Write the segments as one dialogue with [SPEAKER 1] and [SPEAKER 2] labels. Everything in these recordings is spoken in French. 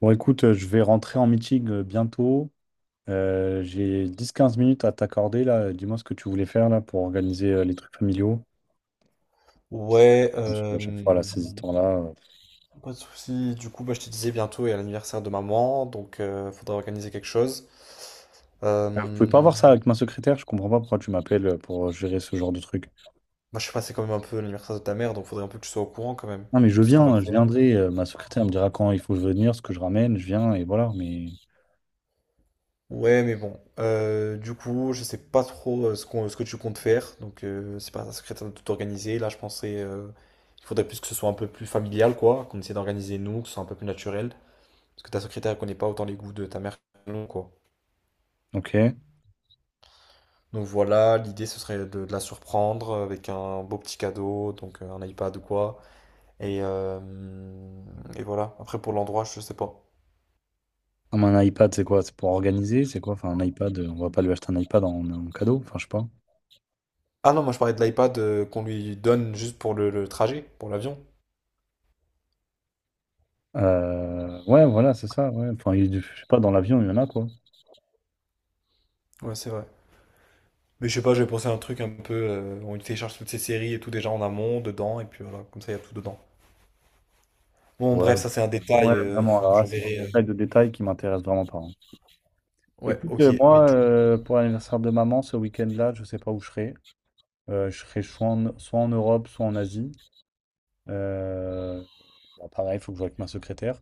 [SPEAKER 1] Je vais rentrer en meeting bientôt. J'ai dix quinze minutes à t'accorder là. Dis-moi ce que tu voulais faire là pour organiser les trucs familiaux. Parce que
[SPEAKER 2] Ouais,
[SPEAKER 1] ensuite, à
[SPEAKER 2] euh,
[SPEAKER 1] chaque fois, là, ces histoires-là.
[SPEAKER 2] Pas de souci. Du coup, je te disais bientôt, il y a l'anniversaire de maman, donc faudra organiser quelque chose.
[SPEAKER 1] Vous pouvez pas
[SPEAKER 2] Euh,
[SPEAKER 1] voir ça avec ma secrétaire, je comprends pas pourquoi tu m'appelles pour gérer ce genre de truc.
[SPEAKER 2] je sais pas, c'est quand même un peu l'anniversaire de ta mère, donc faudrait un peu que tu sois au courant quand même
[SPEAKER 1] Non, mais je
[SPEAKER 2] de ce qu'on va
[SPEAKER 1] viens, je
[SPEAKER 2] faire.
[SPEAKER 1] viendrai. Ma secrétaire me dira quand il faut venir, ce que je ramène, je viens et voilà. Mais
[SPEAKER 2] Ouais, mais bon. Du coup, je sais pas trop ce qu'on, ce que tu comptes faire, donc c'est pas secrétaire de tout organiser. Là, je pensais, il faudrait plus que ce soit un peu plus familial, quoi, qu'on essaie d'organiser nous, que ce soit un peu plus naturel, parce que ta secrétaire connaît pas autant les goûts de ta mère, que nous, quoi.
[SPEAKER 1] ok.
[SPEAKER 2] Donc voilà, l'idée ce serait de la surprendre avec un beau petit cadeau, donc un iPad ou quoi. Et, euh, et voilà, après pour l'endroit, je sais pas.
[SPEAKER 1] Ah, mais un iPad, c'est quoi? C'est pour organiser? C'est quoi? Enfin, un iPad, on va pas lui acheter un iPad en cadeau, enfin, je sais pas.
[SPEAKER 2] Ah non, moi je parlais de l'iPad qu'on lui donne juste pour le trajet, pour l'avion.
[SPEAKER 1] Ouais, voilà, c'est ça. Ouais. Enfin, je sais pas, dans l'avion, il y en a quoi.
[SPEAKER 2] Ouais, c'est vrai. Mais je sais pas, j'ai pensé à un truc un peu, on lui télécharge toutes ses séries et tout déjà en amont, dedans, et puis voilà, comme ça il y a tout dedans. Bon,
[SPEAKER 1] Ouais,
[SPEAKER 2] bref, ça c'est un
[SPEAKER 1] ouais,
[SPEAKER 2] détail,
[SPEAKER 1] vraiment. Alors là, c'est du
[SPEAKER 2] j'enverrai.
[SPEAKER 1] détail de détail qui m'intéresse vraiment pas, hein.
[SPEAKER 2] Ouais,
[SPEAKER 1] Écoute,
[SPEAKER 2] ok, mais
[SPEAKER 1] moi,
[SPEAKER 2] du coup,
[SPEAKER 1] pour l'anniversaire de maman, ce week-end-là, je sais pas où je serai. Je serai soit en Europe, soit en Asie. Euh, Bah, pareil, il faut que je joue avec ma secrétaire.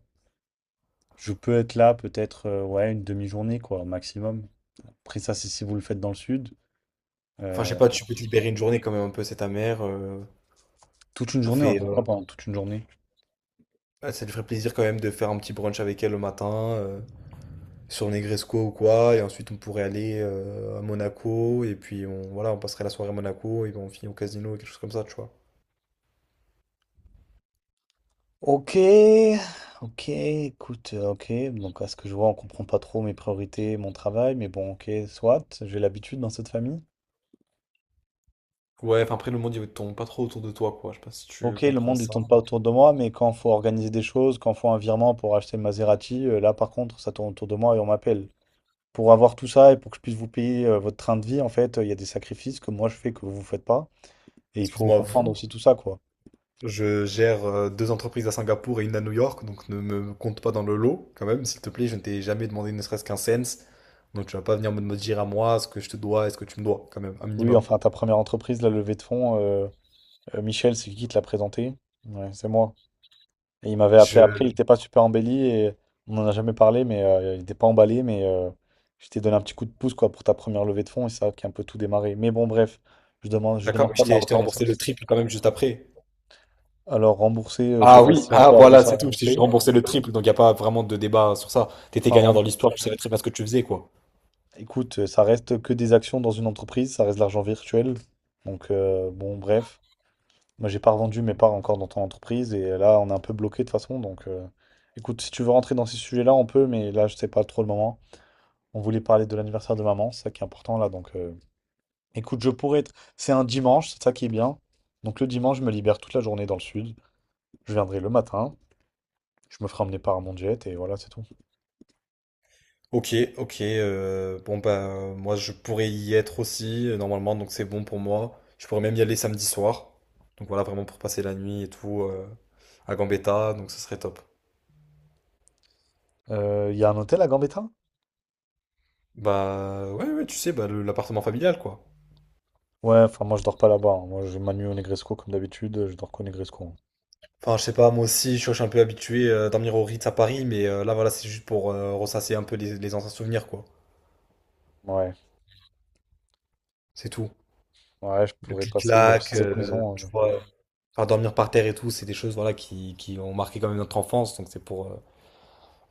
[SPEAKER 1] Je peux être là peut-être ouais, une demi-journée, quoi, maximum. Après ça, c'est si vous le faites dans le sud.
[SPEAKER 2] enfin je sais
[SPEAKER 1] Euh,
[SPEAKER 2] pas, tu peux te libérer une journée quand même un peu, c'est ta mère,
[SPEAKER 1] Toute une
[SPEAKER 2] ça
[SPEAKER 1] journée, on va
[SPEAKER 2] fait...
[SPEAKER 1] faire ça pendant toute une journée.
[SPEAKER 2] Ah, ça lui ferait plaisir quand même de faire un petit brunch avec elle le matin, euh, sur Negresco ou quoi, et ensuite on pourrait aller à Monaco, et puis on, voilà, on passerait la soirée à Monaco, et ben on finit au casino, quelque chose comme ça, tu vois.
[SPEAKER 1] Ok, ok, écoute, ok. Donc à ce que je vois, on comprend pas trop mes priorités, mon travail, mais bon, ok, soit, j'ai l'habitude dans cette famille.
[SPEAKER 2] Ouais, enfin après le monde il tourne pas trop autour de toi, quoi, je sais pas si tu
[SPEAKER 1] Ok, le
[SPEAKER 2] comprends
[SPEAKER 1] monde il
[SPEAKER 2] ça.
[SPEAKER 1] tourne pas autour de moi, mais quand faut organiser des choses, quand faut un virement pour acheter le Maserati, là par contre, ça tourne autour de moi et on m'appelle. Pour avoir tout ça et pour que je puisse vous payer votre train de vie, en fait, il y a des sacrifices que moi je fais que vous vous faites pas, et il faut
[SPEAKER 2] Excuse-moi,
[SPEAKER 1] comprendre
[SPEAKER 2] vous,
[SPEAKER 1] aussi tout ça, quoi.
[SPEAKER 2] je gère deux entreprises à Singapour et une à New York, donc ne me compte pas dans le lot, quand même, s'il te plaît, je ne t'ai jamais demandé ne serait-ce qu'un cent, donc tu vas pas venir me dire à moi ce que je te dois et ce que tu me dois, quand même, un
[SPEAKER 1] Oui,
[SPEAKER 2] minimum.
[SPEAKER 1] enfin ta première entreprise, la levée de fonds, Michel, c'est qui te l'a présenté? Ouais, c'est moi. Et il m'avait appelé après, il
[SPEAKER 2] Je...
[SPEAKER 1] était pas super embelli et on n'en a jamais parlé, mais il était pas emballé, mais je t'ai donné un petit coup de pouce quoi pour ta première levée de fonds et ça qui a un peu tout démarré. Mais bon bref, je
[SPEAKER 2] D'accord,
[SPEAKER 1] demande
[SPEAKER 2] mais
[SPEAKER 1] pas
[SPEAKER 2] je
[SPEAKER 1] de la
[SPEAKER 2] t'ai je t'ai remboursé le
[SPEAKER 1] reconnaissance.
[SPEAKER 2] triple quand même juste après.
[SPEAKER 1] Alors rembourser, je sais
[SPEAKER 2] Ah
[SPEAKER 1] pas
[SPEAKER 2] oui,
[SPEAKER 1] si on
[SPEAKER 2] ah
[SPEAKER 1] peut appeler
[SPEAKER 2] voilà,
[SPEAKER 1] ça
[SPEAKER 2] c'est tout. Je t'ai juste
[SPEAKER 1] rembourser.
[SPEAKER 2] remboursé le triple, donc il n'y a pas vraiment de débat sur ça. T'étais
[SPEAKER 1] Enfin,
[SPEAKER 2] gagnant dans l'histoire, tu savais très bien ce que tu faisais, quoi.
[SPEAKER 1] écoute, ça reste que des actions dans une entreprise, ça reste de l'argent virtuel. Bon bref, moi j'ai pas revendu mes parts encore dans ton entreprise et là on est un peu bloqué de toute façon. Écoute, si tu veux rentrer dans ces sujets-là, on peut, mais là je sais pas trop le moment. On voulait parler de l'anniversaire de maman, c'est ça qui est important là. Écoute, je pourrais être. C'est un dimanche, c'est ça qui est bien. Donc, le dimanche, je me libère toute la journée dans le sud. Je viendrai le matin, je me ferai emmener par mon jet et voilà, c'est tout.
[SPEAKER 2] Ok, ok. Bon bah moi je pourrais y être aussi normalement, donc c'est bon pour moi. Je pourrais même y aller samedi soir. Donc voilà, vraiment pour passer la nuit et tout à Gambetta, donc ce serait top.
[SPEAKER 1] Il y a un hôtel à Gambetta?
[SPEAKER 2] Bah ouais, ouais, tu sais, bah, l'appartement familial quoi.
[SPEAKER 1] Ouais, enfin, moi, je dors pas là-bas, hein. Moi, je ma nuit au Negresco comme d'habitude, je dors qu'au Negresco, hein.
[SPEAKER 2] Enfin, je sais pas, moi aussi, je suis un peu habitué à dormir au Ritz à Paris, mais là voilà, c'est juste pour ressasser un peu les anciens souvenirs quoi.
[SPEAKER 1] Ouais,
[SPEAKER 2] C'est tout.
[SPEAKER 1] ouais, je
[SPEAKER 2] Le
[SPEAKER 1] pourrais passer, même si
[SPEAKER 2] clic-clac,
[SPEAKER 1] cette maison.
[SPEAKER 2] tu vois, faire dormir par terre et tout, c'est des choses voilà, qui ont marqué quand même notre enfance, donc c'est pour euh,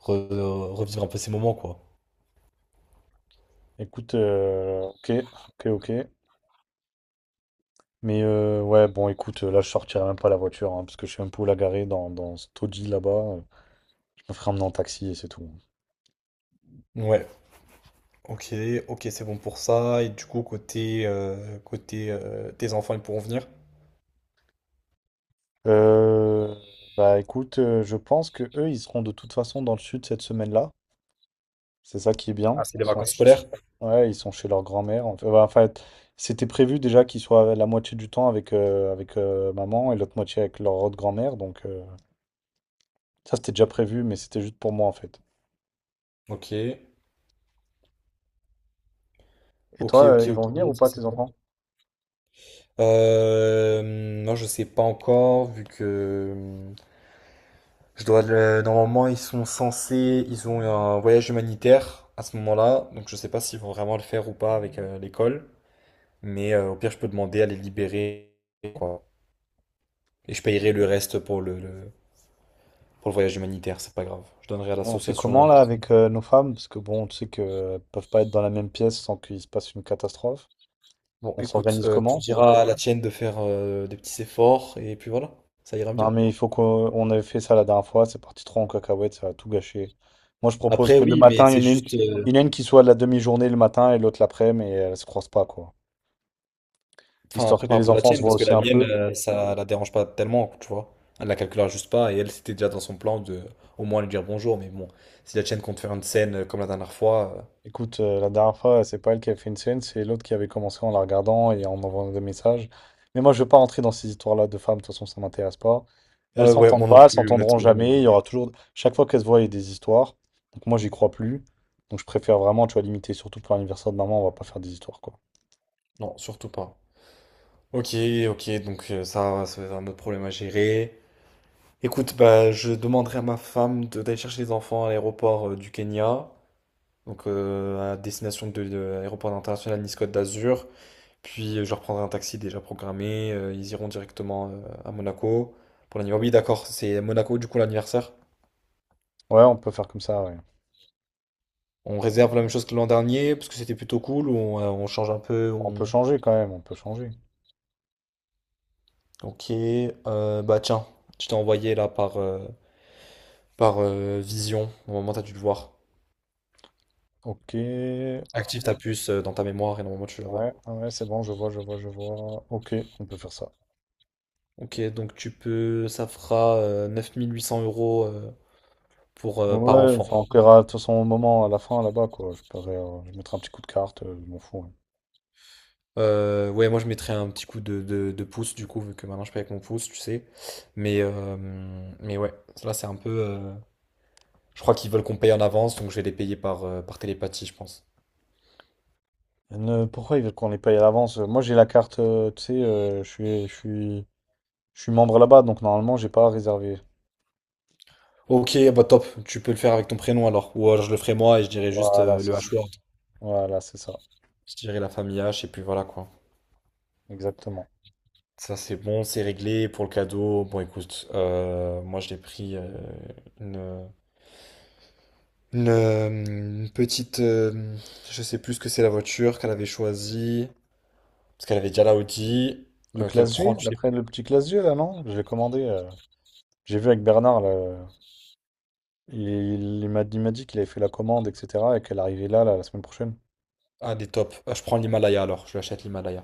[SPEAKER 2] re- euh, revivre un peu ces moments, quoi.
[SPEAKER 1] Écoute, ok, ok, ok. Mais ouais, bon, écoute, là, je sortirai même pas la voiture, hein, parce que je suis un peu où la garer dans ce taudis là-bas. Je me ferai emmener en taxi et c'est tout.
[SPEAKER 2] Ouais, ok, ok, c'est bon pour ça. Et du coup, côté, côté tes enfants, ils pourront venir?
[SPEAKER 1] Euh, Bah écoute, je pense que eux, ils seront de toute façon dans le sud cette semaine-là. C'est ça qui est bien.
[SPEAKER 2] Ah, c'est les vacances scolaires?
[SPEAKER 1] Ouais, ils sont chez leur grand-mère. En fait, ouais, en fait, c'était prévu déjà qu'ils soient la moitié du temps avec, maman et l'autre moitié avec leur autre grand-mère. Ça, c'était déjà prévu, mais c'était juste pour moi en fait.
[SPEAKER 2] Ok,
[SPEAKER 1] Et
[SPEAKER 2] ok,
[SPEAKER 1] toi,
[SPEAKER 2] ok,
[SPEAKER 1] ils vont venir ou
[SPEAKER 2] ok, ça,
[SPEAKER 1] pas,
[SPEAKER 2] c'est
[SPEAKER 1] tes
[SPEAKER 2] bon.
[SPEAKER 1] enfants?
[SPEAKER 2] Euh, non, je sais pas encore, vu que... Je dois le... Normalement, ils sont censés, ils ont un voyage humanitaire à ce moment-là, donc je sais pas s'ils vont vraiment le faire ou pas avec l'école, mais au pire, je peux demander à les libérer, quoi. Et je payerai le reste pour le, pour le voyage humanitaire, c'est pas grave. Je donnerai à
[SPEAKER 1] On fait
[SPEAKER 2] l'association.
[SPEAKER 1] comment là avec nos femmes? Parce que bon, tu sais qu'elles peuvent pas être dans la même pièce sans qu'il se passe une catastrophe.
[SPEAKER 2] Bon,
[SPEAKER 1] On
[SPEAKER 2] écoute,
[SPEAKER 1] s'organise
[SPEAKER 2] tu
[SPEAKER 1] comment?
[SPEAKER 2] diras à la tienne de faire des petits efforts, et puis voilà, ça ira
[SPEAKER 1] Non,
[SPEAKER 2] bien.
[SPEAKER 1] mais il faut qu'on on avait fait ça la dernière fois. C'est parti trop en cacahuète, ça a tout gâché. Moi, je propose
[SPEAKER 2] Après,
[SPEAKER 1] que le
[SPEAKER 2] oui, mais
[SPEAKER 1] matin,
[SPEAKER 2] c'est juste,
[SPEAKER 1] il y en a une qui soit de la demi-journée le matin et l'autre l'après, mais elles se croisent pas, quoi.
[SPEAKER 2] enfin,
[SPEAKER 1] Histoire que
[SPEAKER 2] prépare
[SPEAKER 1] les
[SPEAKER 2] pour la
[SPEAKER 1] enfants se
[SPEAKER 2] tienne,
[SPEAKER 1] voient
[SPEAKER 2] parce que
[SPEAKER 1] aussi
[SPEAKER 2] la
[SPEAKER 1] un
[SPEAKER 2] mienne,
[SPEAKER 1] peu.
[SPEAKER 2] ça la dérange pas tellement, tu vois. Elle la calculera juste pas, et elle, c'était déjà dans son plan de au moins lui dire bonjour, mais bon, si la tienne compte faire une scène comme la dernière fois.
[SPEAKER 1] Écoute, la dernière fois, c'est pas elle qui avait fait une scène, c'est l'autre qui avait commencé en la regardant et en envoyant des messages. Mais moi, je veux pas rentrer dans ces histoires-là de femmes, de toute façon, ça m'intéresse pas. Elles
[SPEAKER 2] Ouais, ouais,
[SPEAKER 1] s'entendent
[SPEAKER 2] moi non
[SPEAKER 1] pas, elles
[SPEAKER 2] plus,
[SPEAKER 1] s'entendront
[SPEAKER 2] honnêtement.
[SPEAKER 1] jamais. Il y aura toujours. Chaque fois qu'elles se voient, il y a des histoires. Donc, moi, j'y crois plus. Donc, je préfère vraiment, tu vois, limiter, surtout pour l'anniversaire de maman, on va pas faire des histoires, quoi.
[SPEAKER 2] Non, surtout pas. Ok, ok, donc ça, ça va être un autre problème à gérer. Écoute, bah, je demanderai à ma femme d'aller chercher les enfants à l'aéroport du Kenya, donc à destination de l'aéroport international Nice Côte d'Azur. Puis je leur prendrai un taxi déjà programmé. Ils iront directement à Monaco pour l'anniversaire. Oui, d'accord, c'est Monaco du coup l'anniversaire.
[SPEAKER 1] Ouais, on peut faire comme ça, ouais.
[SPEAKER 2] On réserve la même chose que l'an dernier parce que c'était plutôt cool. Ou on, on change un peu.
[SPEAKER 1] On peut
[SPEAKER 2] On...
[SPEAKER 1] changer quand même, on peut changer.
[SPEAKER 2] Ok. Bah tiens, je t'ai envoyé là par, Vision. Normalement, t'as dû le voir.
[SPEAKER 1] Ok, ouais,
[SPEAKER 2] Active ta puce dans ta mémoire et normalement tu la vois.
[SPEAKER 1] ouais, c'est bon, je vois, je vois, je vois. Ok, on peut faire ça.
[SPEAKER 2] Ok, donc tu peux. Ça fera 9800 € pour, par
[SPEAKER 1] Ouais,
[SPEAKER 2] enfant.
[SPEAKER 1] enfin, on paiera de toute façon au moment, à la fin, là-bas, quoi. Je paierai, je mettrai un petit coup de carte, je m'en fous, ouais.
[SPEAKER 2] Ouais, moi je mettrais un petit coup de pouce du coup, vu que maintenant je paye avec mon pouce, tu sais. Mais, euh, mais ouais, là c'est un peu. Je crois qu'ils veulent qu'on paye en avance, donc je vais les payer par, par télépathie, je pense.
[SPEAKER 1] Pourquoi ils veulent qu'on les paye à l'avance? Moi, j'ai la carte, tu sais, je suis membre là-bas, donc normalement, j'ai pas à réserver.
[SPEAKER 2] Ok, bah top, tu peux le faire avec ton prénom alors. Ou alors je le ferai moi et je dirai juste
[SPEAKER 1] Voilà,
[SPEAKER 2] le
[SPEAKER 1] c'est ça.
[SPEAKER 2] H-word.
[SPEAKER 1] Voilà, c'est ça.
[SPEAKER 2] Je dirai la famille H et puis voilà quoi.
[SPEAKER 1] Exactement.
[SPEAKER 2] Ça c'est bon, c'est réglé pour le cadeau. Bon écoute, moi je l'ai pris une, une petite. Je sais plus ce que c'est la voiture qu'elle avait choisie. Parce qu'elle avait déjà la Audi,
[SPEAKER 1] Le
[SPEAKER 2] qu'elle
[SPEAKER 1] classe G,
[SPEAKER 2] prend, tu sais.
[SPEAKER 1] l'après le petit classe G, là, non? Je l'ai commandé. J'ai vu avec Bernard, là, il, il m'a dit qu'il avait fait la commande, etc. et qu'elle arrivait là, la semaine prochaine.
[SPEAKER 2] Ah, des tops. Ah, je prends l'Himalaya alors, je lui achète l'Himalaya.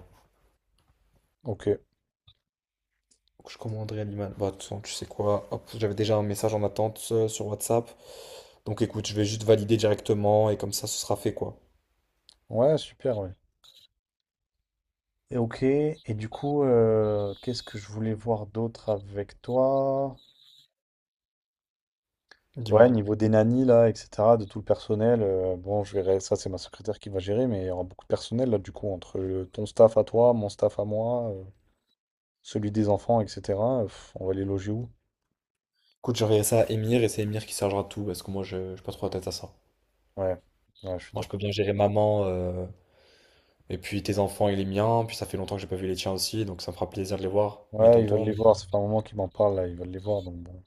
[SPEAKER 1] Ok.
[SPEAKER 2] Donc, je commanderai l'Himalaya. Bah, de toute façon, tu sais quoi, hop, j'avais déjà un message en attente sur WhatsApp. Donc écoute, je vais juste valider directement et comme ça, ce sera fait quoi.
[SPEAKER 1] Ouais, super, ouais. Et ok, et du coup, qu'est-ce que je voulais voir d'autre avec toi? Ouais,
[SPEAKER 2] Dis-moi.
[SPEAKER 1] niveau des nannies, là, etc., de tout le personnel, bon, je verrai, ça, c'est ma secrétaire qui va gérer, mais il y aura beaucoup de personnel, là, du coup, entre ton staff à toi, mon staff à moi, celui des enfants, etc., on va les loger où?
[SPEAKER 2] Écoute, j'enverrai ça à Emir et c'est Emir qui chargera de tout parce que moi, je j'ai pas trop la tête à ça.
[SPEAKER 1] Ouais, ouais, je suis
[SPEAKER 2] Moi, je peux
[SPEAKER 1] d'accord.
[SPEAKER 2] bien gérer maman et puis tes enfants et les miens. Puis ça fait longtemps que j'ai pas vu les tiens aussi, donc ça me fera plaisir de les voir, mes
[SPEAKER 1] Ouais, ils veulent
[SPEAKER 2] tontons.
[SPEAKER 1] les
[SPEAKER 2] Donc-
[SPEAKER 1] voir, ça fait un moment qu'ils m'en parlent, là, ils veulent les voir, donc bon.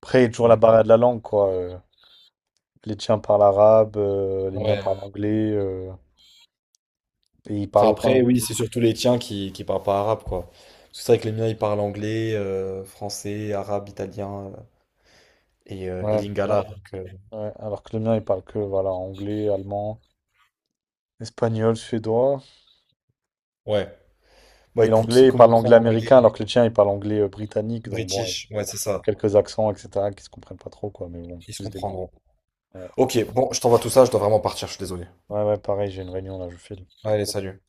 [SPEAKER 1] Après, il y a toujours la
[SPEAKER 2] Ouais.
[SPEAKER 1] barrière de la langue, quoi. Les tiens parlent arabe, les miens
[SPEAKER 2] Ouais.
[SPEAKER 1] parlent anglais, et ils parlent
[SPEAKER 2] Enfin, après,
[SPEAKER 1] aucun.
[SPEAKER 2] oui, c'est surtout les tiens qui parlent pas arabe, quoi. Parce que c'est vrai que les miens, ils parlent anglais, français, arabe, italien et
[SPEAKER 1] Ouais, ah,
[SPEAKER 2] lingala. Donc,
[SPEAKER 1] ouais, alors que le mien, il parle que voilà, anglais, allemand, espagnol, suédois.
[SPEAKER 2] ouais. Bon,
[SPEAKER 1] Et
[SPEAKER 2] écoute,
[SPEAKER 1] l'anglais,
[SPEAKER 2] ils
[SPEAKER 1] il parle
[SPEAKER 2] communiquent en
[SPEAKER 1] anglais
[SPEAKER 2] anglais,
[SPEAKER 1] américain, alors que le tien, il parle anglais britannique. Donc bon, il y
[SPEAKER 2] british, ouais, c'est
[SPEAKER 1] a
[SPEAKER 2] ça.
[SPEAKER 1] quelques accents, etc., qui se comprennent pas trop, quoi. Mais bon,
[SPEAKER 2] Ils se
[SPEAKER 1] ils se débrouillent.
[SPEAKER 2] comprendront.
[SPEAKER 1] Ouais,
[SPEAKER 2] Ok, bon, je t'envoie tout ça, je dois vraiment partir, je suis désolé.
[SPEAKER 1] ouais, ouais, pareil, j'ai une réunion là, je file.
[SPEAKER 2] Allez, salut.